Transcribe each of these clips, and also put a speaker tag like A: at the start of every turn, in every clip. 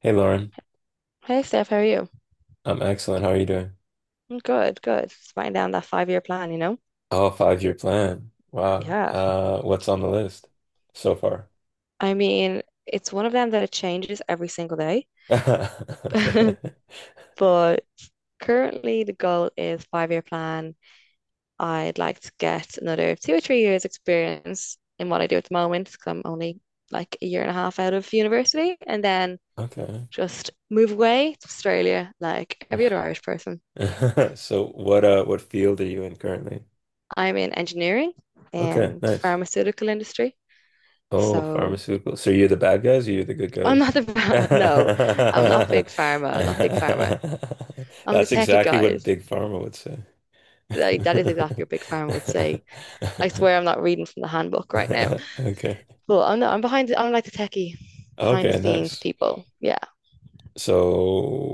A: Hey Lauren.
B: Hey Steph, how are you?
A: I'm excellent. How are you doing?
B: I'm good, good. Just writing down that 5-year plan, you know?
A: Oh, five-year plan. Wow.
B: Yeah.
A: What's on the list so far?
B: I mean, it's one of them that it changes every single day.
A: Okay.
B: But currently the goal is 5-year plan. I'd like to get another 2 or 3 years experience in what I do at the moment, because I'm only like a year and a half out of university, and then
A: Okay.
B: just move away to Australia like every other Irish person.
A: So what field are you in currently?
B: I'm in engineering
A: Okay,
B: and
A: nice.
B: pharmaceutical industry.
A: Oh,
B: So
A: pharmaceutical. So you're the bad guys or you're the good
B: I'm not
A: guys?
B: the no, I'm not big pharma. I'm not big pharma. I'm the
A: That's
B: techie
A: exactly what
B: guys.
A: Big Pharma would say.
B: Like that is exactly what big pharma would say. I swear I'm not reading from the handbook right now.
A: Okay.
B: But I'm not, I'm behind the, I'm like the techie behind the
A: Okay,
B: scenes
A: nice.
B: people. Yeah.
A: So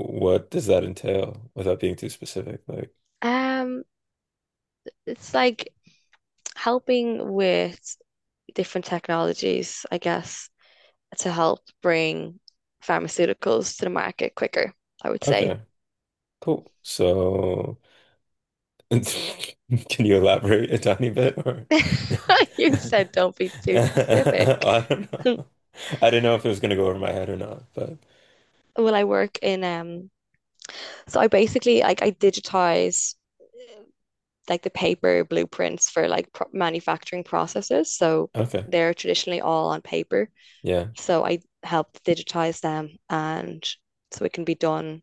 A: what does that entail without being too specific? Like,
B: Um, it's like helping with different technologies, I guess, to help bring pharmaceuticals to the market quicker, I would say.
A: okay, cool. So can you elaborate a tiny bit or
B: You said don't be too specific.
A: I don't know. I didn't know if it was gonna go over my head or not, but
B: Well, I work in So I basically, like, I digitize like the paper blueprints for like pro manufacturing processes. So
A: okay.
B: they're traditionally all on paper.
A: Yeah.
B: So I help digitize them and so it can be done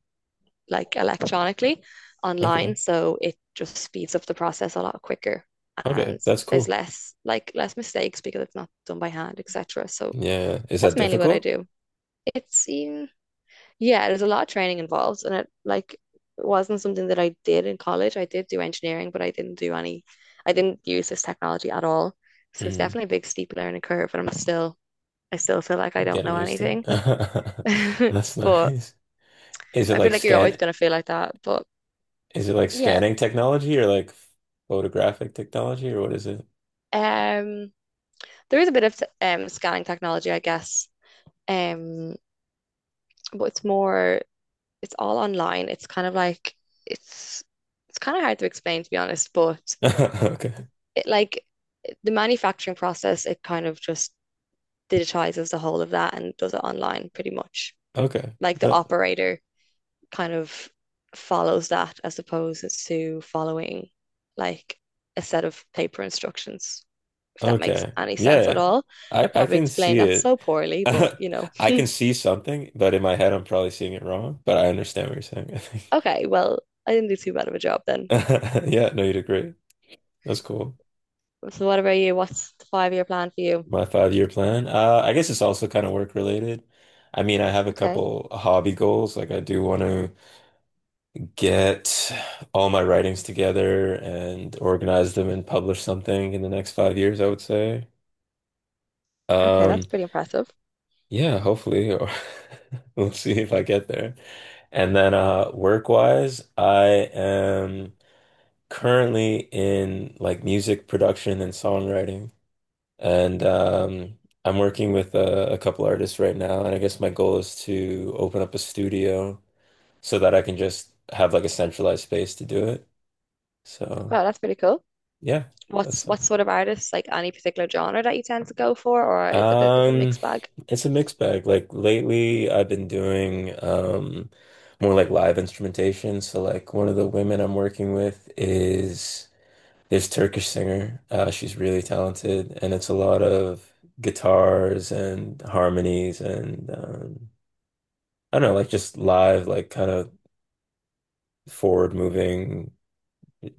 B: like electronically online.
A: Okay.
B: So it just speeds up the process a lot quicker,
A: Okay,
B: and
A: that's
B: there's
A: cool.
B: less, like, less mistakes because it's not done by hand, etc. So
A: Yeah. Is
B: that's
A: that
B: mainly what I
A: difficult?
B: do. It's yeah, there's a lot of training involved, and it, like, wasn't something that I did in college. I did do engineering, but I didn't use this technology at all. So it's
A: Mm,
B: definitely a big steep learning curve, and I still feel like I don't
A: getting
B: know
A: used to
B: anything.
A: it. That's
B: But
A: nice. Is it
B: I feel
A: like
B: like you're always
A: scan
B: gonna feel like that. But
A: is it like
B: yeah,
A: scanning technology or like photographic technology, or what is it?
B: um, there is a bit of scanning technology, I guess. Um, but it's all online. It's kind of like it's, it's kind of hard to explain, to be honest, but
A: Okay.
B: it, like, the manufacturing process, it kind of just digitizes the whole of that and does it online pretty much.
A: Okay.
B: Like the
A: No.
B: operator kind of follows that as opposed to following, like, a set of paper instructions, if that makes
A: Okay.
B: any
A: Yeah,
B: sense at
A: yeah.
B: all. I
A: I
B: probably
A: can see
B: explained that
A: it.
B: so poorly,
A: I can see something, but in my head I'm probably seeing it wrong, but I understand what you're saying, I think.
B: okay, well, I didn't do too bad of a job then.
A: Yeah, no, you did great. That's cool.
B: So what about you? What's the 5-year plan for you?
A: My five-year plan. I guess it's also kind of work related. I mean, I have a
B: Okay.
A: couple hobby goals. Like I do want to get all my writings together and organize them and publish something in the next 5 years, I would say.
B: Okay, that's
A: Um,
B: pretty impressive.
A: Yeah, hopefully, or we'll see if I get there. And then work-wise, I am currently in like music production and songwriting. And I'm working with a couple artists right now, and I guess my goal is to open up a studio so that I can just have like a centralized space to do it. So,
B: Wow, that's pretty cool.
A: yeah,
B: What's
A: that's
B: what sort of artists, like any particular genre that you tend to go for, or is it a bit of a
A: Um,
B: mixed bag?
A: it's a mixed bag. Like lately, I've been doing more like live instrumentation. So like one of the women I'm working with is this Turkish singer. She's really talented, and it's a lot of guitars and harmonies and I don't know, like just live, like kind of forward moving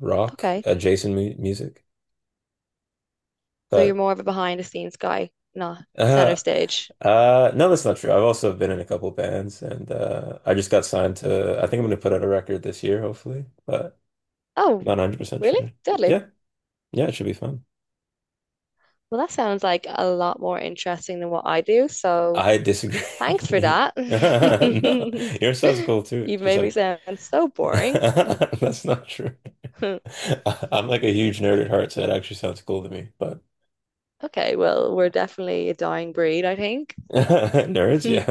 A: rock
B: Okay.
A: adjacent mu music.
B: So you're
A: But
B: more of a behind the scenes guy, not center
A: Uh,
B: stage.
A: no, that's not true. I've also been in a couple bands, and I just got signed to. I think I'm gonna put out a record this year, hopefully, but not
B: Oh,
A: 100%
B: really?
A: sure.
B: Deadly.
A: Yeah, yeah, it should be fun.
B: Well, that sounds like a lot more interesting than what I do, so
A: I
B: thanks for
A: disagree.
B: that.
A: No, yours sounds cool too. It's
B: You've
A: just
B: made me
A: like
B: sound so boring.
A: that's not true. I'm like a huge nerd at heart, so it actually sounds cool to me. But
B: Okay, well, we're definitely a dying breed, I think.
A: nerds, yeah,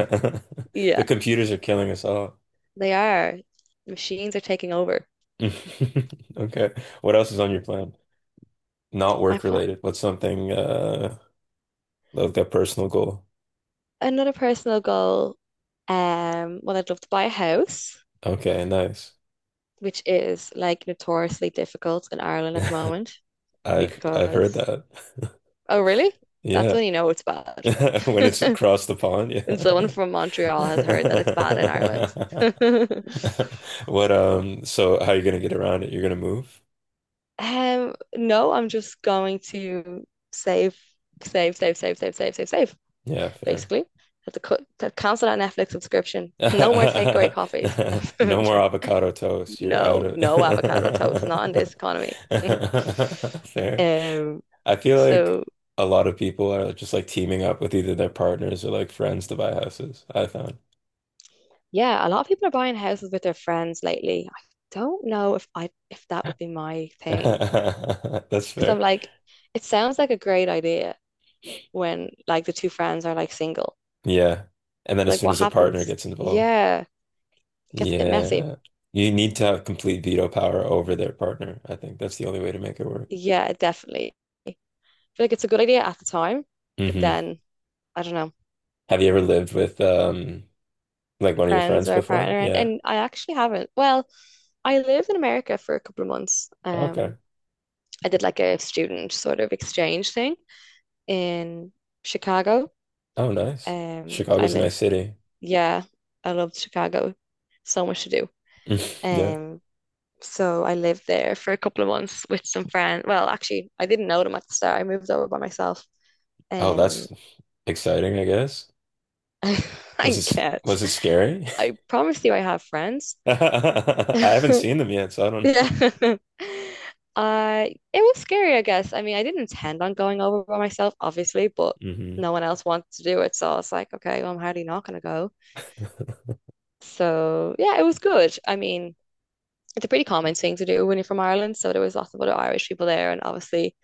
A: the
B: Yeah,
A: computers are killing us all.
B: they are. Machines are taking over.
A: Okay, what else is on your plan? Not
B: I
A: work
B: fl
A: related. What's something like a personal goal?
B: Another personal goal, well, I'd love to buy a house,
A: Okay, nice.
B: which is like notoriously difficult in Ireland at the moment,
A: I've heard
B: because,
A: that.
B: oh, really? That's
A: Yeah.
B: when you know it's bad.
A: When it's across the pond,
B: When
A: yeah.
B: someone from Montreal has heard that it's bad in Ireland.
A: What so how are you gonna get around it? You're gonna move?
B: No, I'm just going to save, save, save, save, save, save, save, save,
A: Yeah, fair.
B: basically. Have to cancel that Netflix subscription. No more takeaway coffees.
A: No more avocado toast. You're out
B: No,
A: of
B: no avocado toast, not in this economy.
A: fair.
B: Um,
A: I feel like
B: so
A: a lot of people are just like teaming up with either their partners or like friends to buy houses, I found.
B: yeah, a lot of people are buying houses with their friends lately. I don't know if that would be my thing.
A: That's
B: Because I'm
A: fair.
B: like, it sounds like a great idea when, like, the two friends are, like, single.
A: Yeah. And then as
B: Like
A: soon
B: what
A: as a partner
B: happens?
A: gets involved,
B: Yeah, it gets a bit messy.
A: yeah. You need to have complete veto power over their partner. I think that's the only way to make it work.
B: Yeah, definitely. I feel like it's a good idea at the time, but
A: Hmm.
B: then I don't know,
A: Have you ever lived with like one of your
B: friends
A: friends
B: or a
A: before?
B: partner and,
A: Yeah.
B: and I actually haven't. Well, I lived in America for a couple of months.
A: Okay.
B: I did, like, a student sort of exchange thing in Chicago.
A: Oh, nice.
B: Um, I
A: Chicago's a
B: live,
A: nice city.
B: yeah, I loved Chicago. So much to do.
A: Yeah.
B: Um, so I lived there for a couple of months with some friends. Well, actually, I didn't know them at the start. I moved over by myself.
A: Oh, that's
B: Um,
A: exciting, I guess. Was
B: I
A: it
B: guess
A: was it scary?
B: I promise you, I have friends.
A: I haven't seen them yet, so I don't
B: Yeah. Uh, it was scary, I guess. I mean, I didn't intend on going over by myself, obviously, but
A: know.
B: no one else wanted to do it, so I was like, okay, well, I'm hardly not gonna go. So yeah, it was good. I mean, it's a pretty common thing to do when you're from Ireland, so there was lots of other Irish people there, and obviously,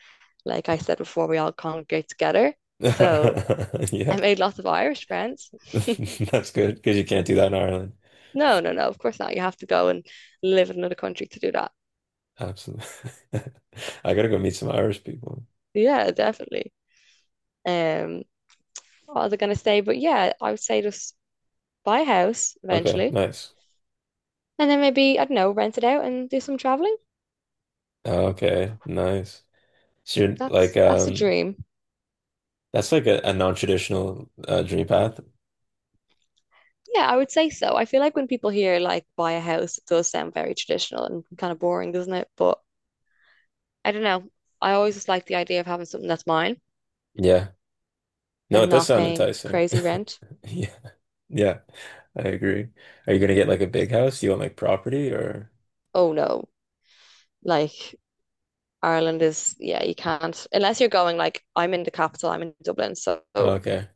B: like I said before, we all congregate together. So
A: Hmm.
B: I
A: Yeah,
B: made lots of Irish friends.
A: that's good because you can't do that in Ireland.
B: No, no, no, of course not. You have to go and live in another country to do that.
A: Absolutely. I gotta go meet some Irish people.
B: Yeah, definitely. Um, what was I gonna say? But yeah, I would say just buy a house
A: Okay,
B: eventually,
A: nice.
B: and then maybe, I don't know, rent it out and do some traveling.
A: Okay, nice. So you're like,
B: That's a dream.
A: that's like a non-traditional dream path.
B: Yeah, I would say so. I feel like when people hear, like, buy a house, it does sound very traditional and kind of boring, doesn't it? But I don't know. I always just like the idea of having something that's mine
A: Yeah. No,
B: and
A: it does
B: not
A: sound
B: paying
A: enticing.
B: crazy rent.
A: Yeah, yeah, I agree. Are you gonna get like a big house? Do you want like property, or?
B: Oh no. Like Ireland is, yeah, you can't unless you're going like I'm in the capital, I'm in Dublin, so
A: Okay.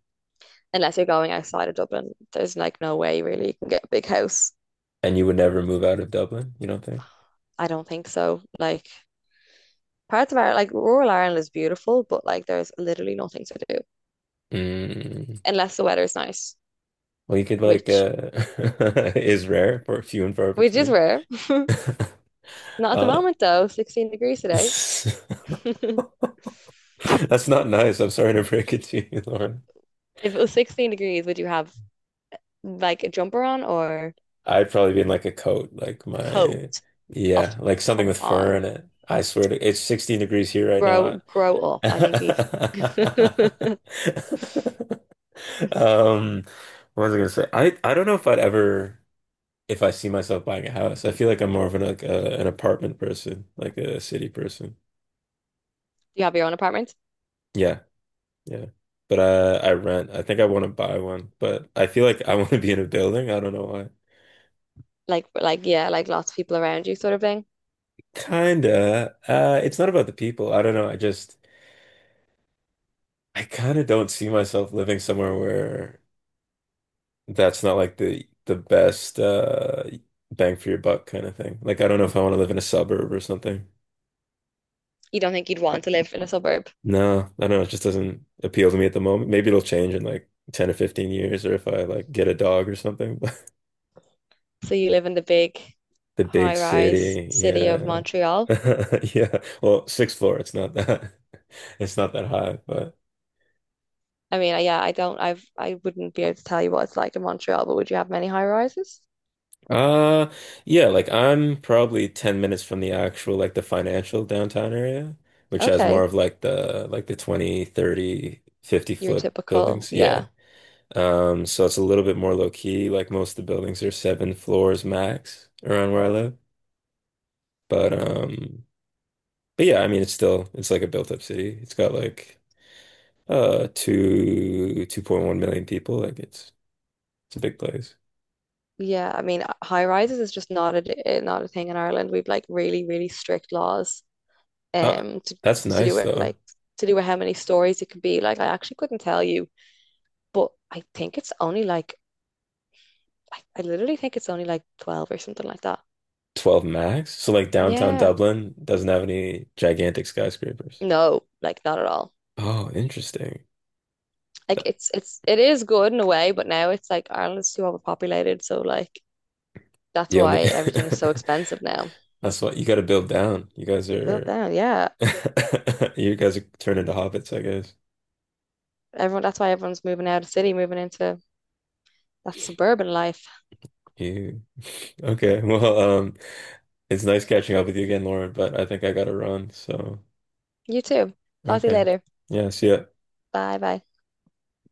B: unless you're going outside of Dublin, there's like no way really you can get a big house.
A: And you would never move out of Dublin, you don't think?
B: I don't think so. Like parts of Ireland, like rural Ireland is beautiful, but like there's literally nothing to do
A: Mm.
B: unless the weather's nice,
A: Well, you could like
B: which
A: is rare for few and far
B: which is
A: between.
B: rare. Not at the
A: Uh
B: moment though, 16 degrees today.
A: that's not nice. I'm sorry to break it to you, Lauren.
B: If it was 16 degrees, would you have like a jumper on or
A: I'd probably be in like a coat, like
B: a
A: my
B: coat? Oh,
A: yeah, like something
B: come
A: with fur
B: on.
A: in it. I swear to it's 16 degrees here right now.
B: Grow up. I think you need-
A: Um, what was I gonna say? I don't know if I'd ever if I see myself buying a house. I feel like I'm more of an like an apartment person, like a city person.
B: You have your own apartment.
A: Yeah. Yeah. But I rent. I think I want to buy one, but I feel like I want to be in a building. I don't know why.
B: Like yeah, like lots of people around you sort of thing.
A: Kinda. It's not about the people. I don't know. I just I kind of don't see myself living somewhere where that's not like the best bang for your buck kind of thing. Like I don't know if I want to live in a suburb or something.
B: You don't think you'd want to live in a suburb.
A: No, I don't know. It just doesn't appeal to me at the moment. Maybe it'll change in like 10 or 15 years or if I like get a dog or something.
B: So you live in the big
A: The big
B: high-rise
A: city,
B: city of
A: yeah.
B: Montreal.
A: Yeah. Well, sixth floor, it's not that it's not that high, but
B: I mean, yeah, I don't, I've, I wouldn't be able to tell you what it's like in Montreal, but would you have many high rises?
A: uh yeah, like I'm probably 10 minutes from the actual like the financial downtown area, which has more
B: Okay,
A: of like the 20, 30, 50
B: your
A: foot
B: typical,
A: buildings.
B: yeah,
A: Yeah. So it's a little bit more low key. Like most of the buildings are 7 floors max around where I live. But yeah, I mean it's still it's like a built up city. It's got like to 2.1 million people. Like it's a big place.
B: yeah. I mean, high rises is just not a thing in Ireland. We've like really, really strict laws,
A: Uh
B: um, to
A: that's
B: to do
A: nice
B: with
A: though.
B: how many stories it could be. Like, I actually couldn't tell you, but I think it's only like, I literally think it's only like 12 or something like that.
A: 12 max. So like downtown
B: Yeah,
A: Dublin doesn't have any gigantic skyscrapers.
B: no, like not at all.
A: Oh, interesting.
B: Like
A: That-
B: it is good in a way, but now it's like Ireland's too overpopulated, so like that's
A: The
B: why
A: only
B: everything is so expensive now.
A: that's what you got to build down. You guys
B: Built
A: are
B: down, yeah.
A: you guys are turning into hobbits, I guess.
B: That's why everyone's moving out of the city, moving into that suburban life.
A: You okay. Well, it's nice catching up with you again, Lauren, but I think I gotta run, so
B: You too. Talk to you
A: okay.
B: later.
A: Yeah, see ya.
B: Bye bye.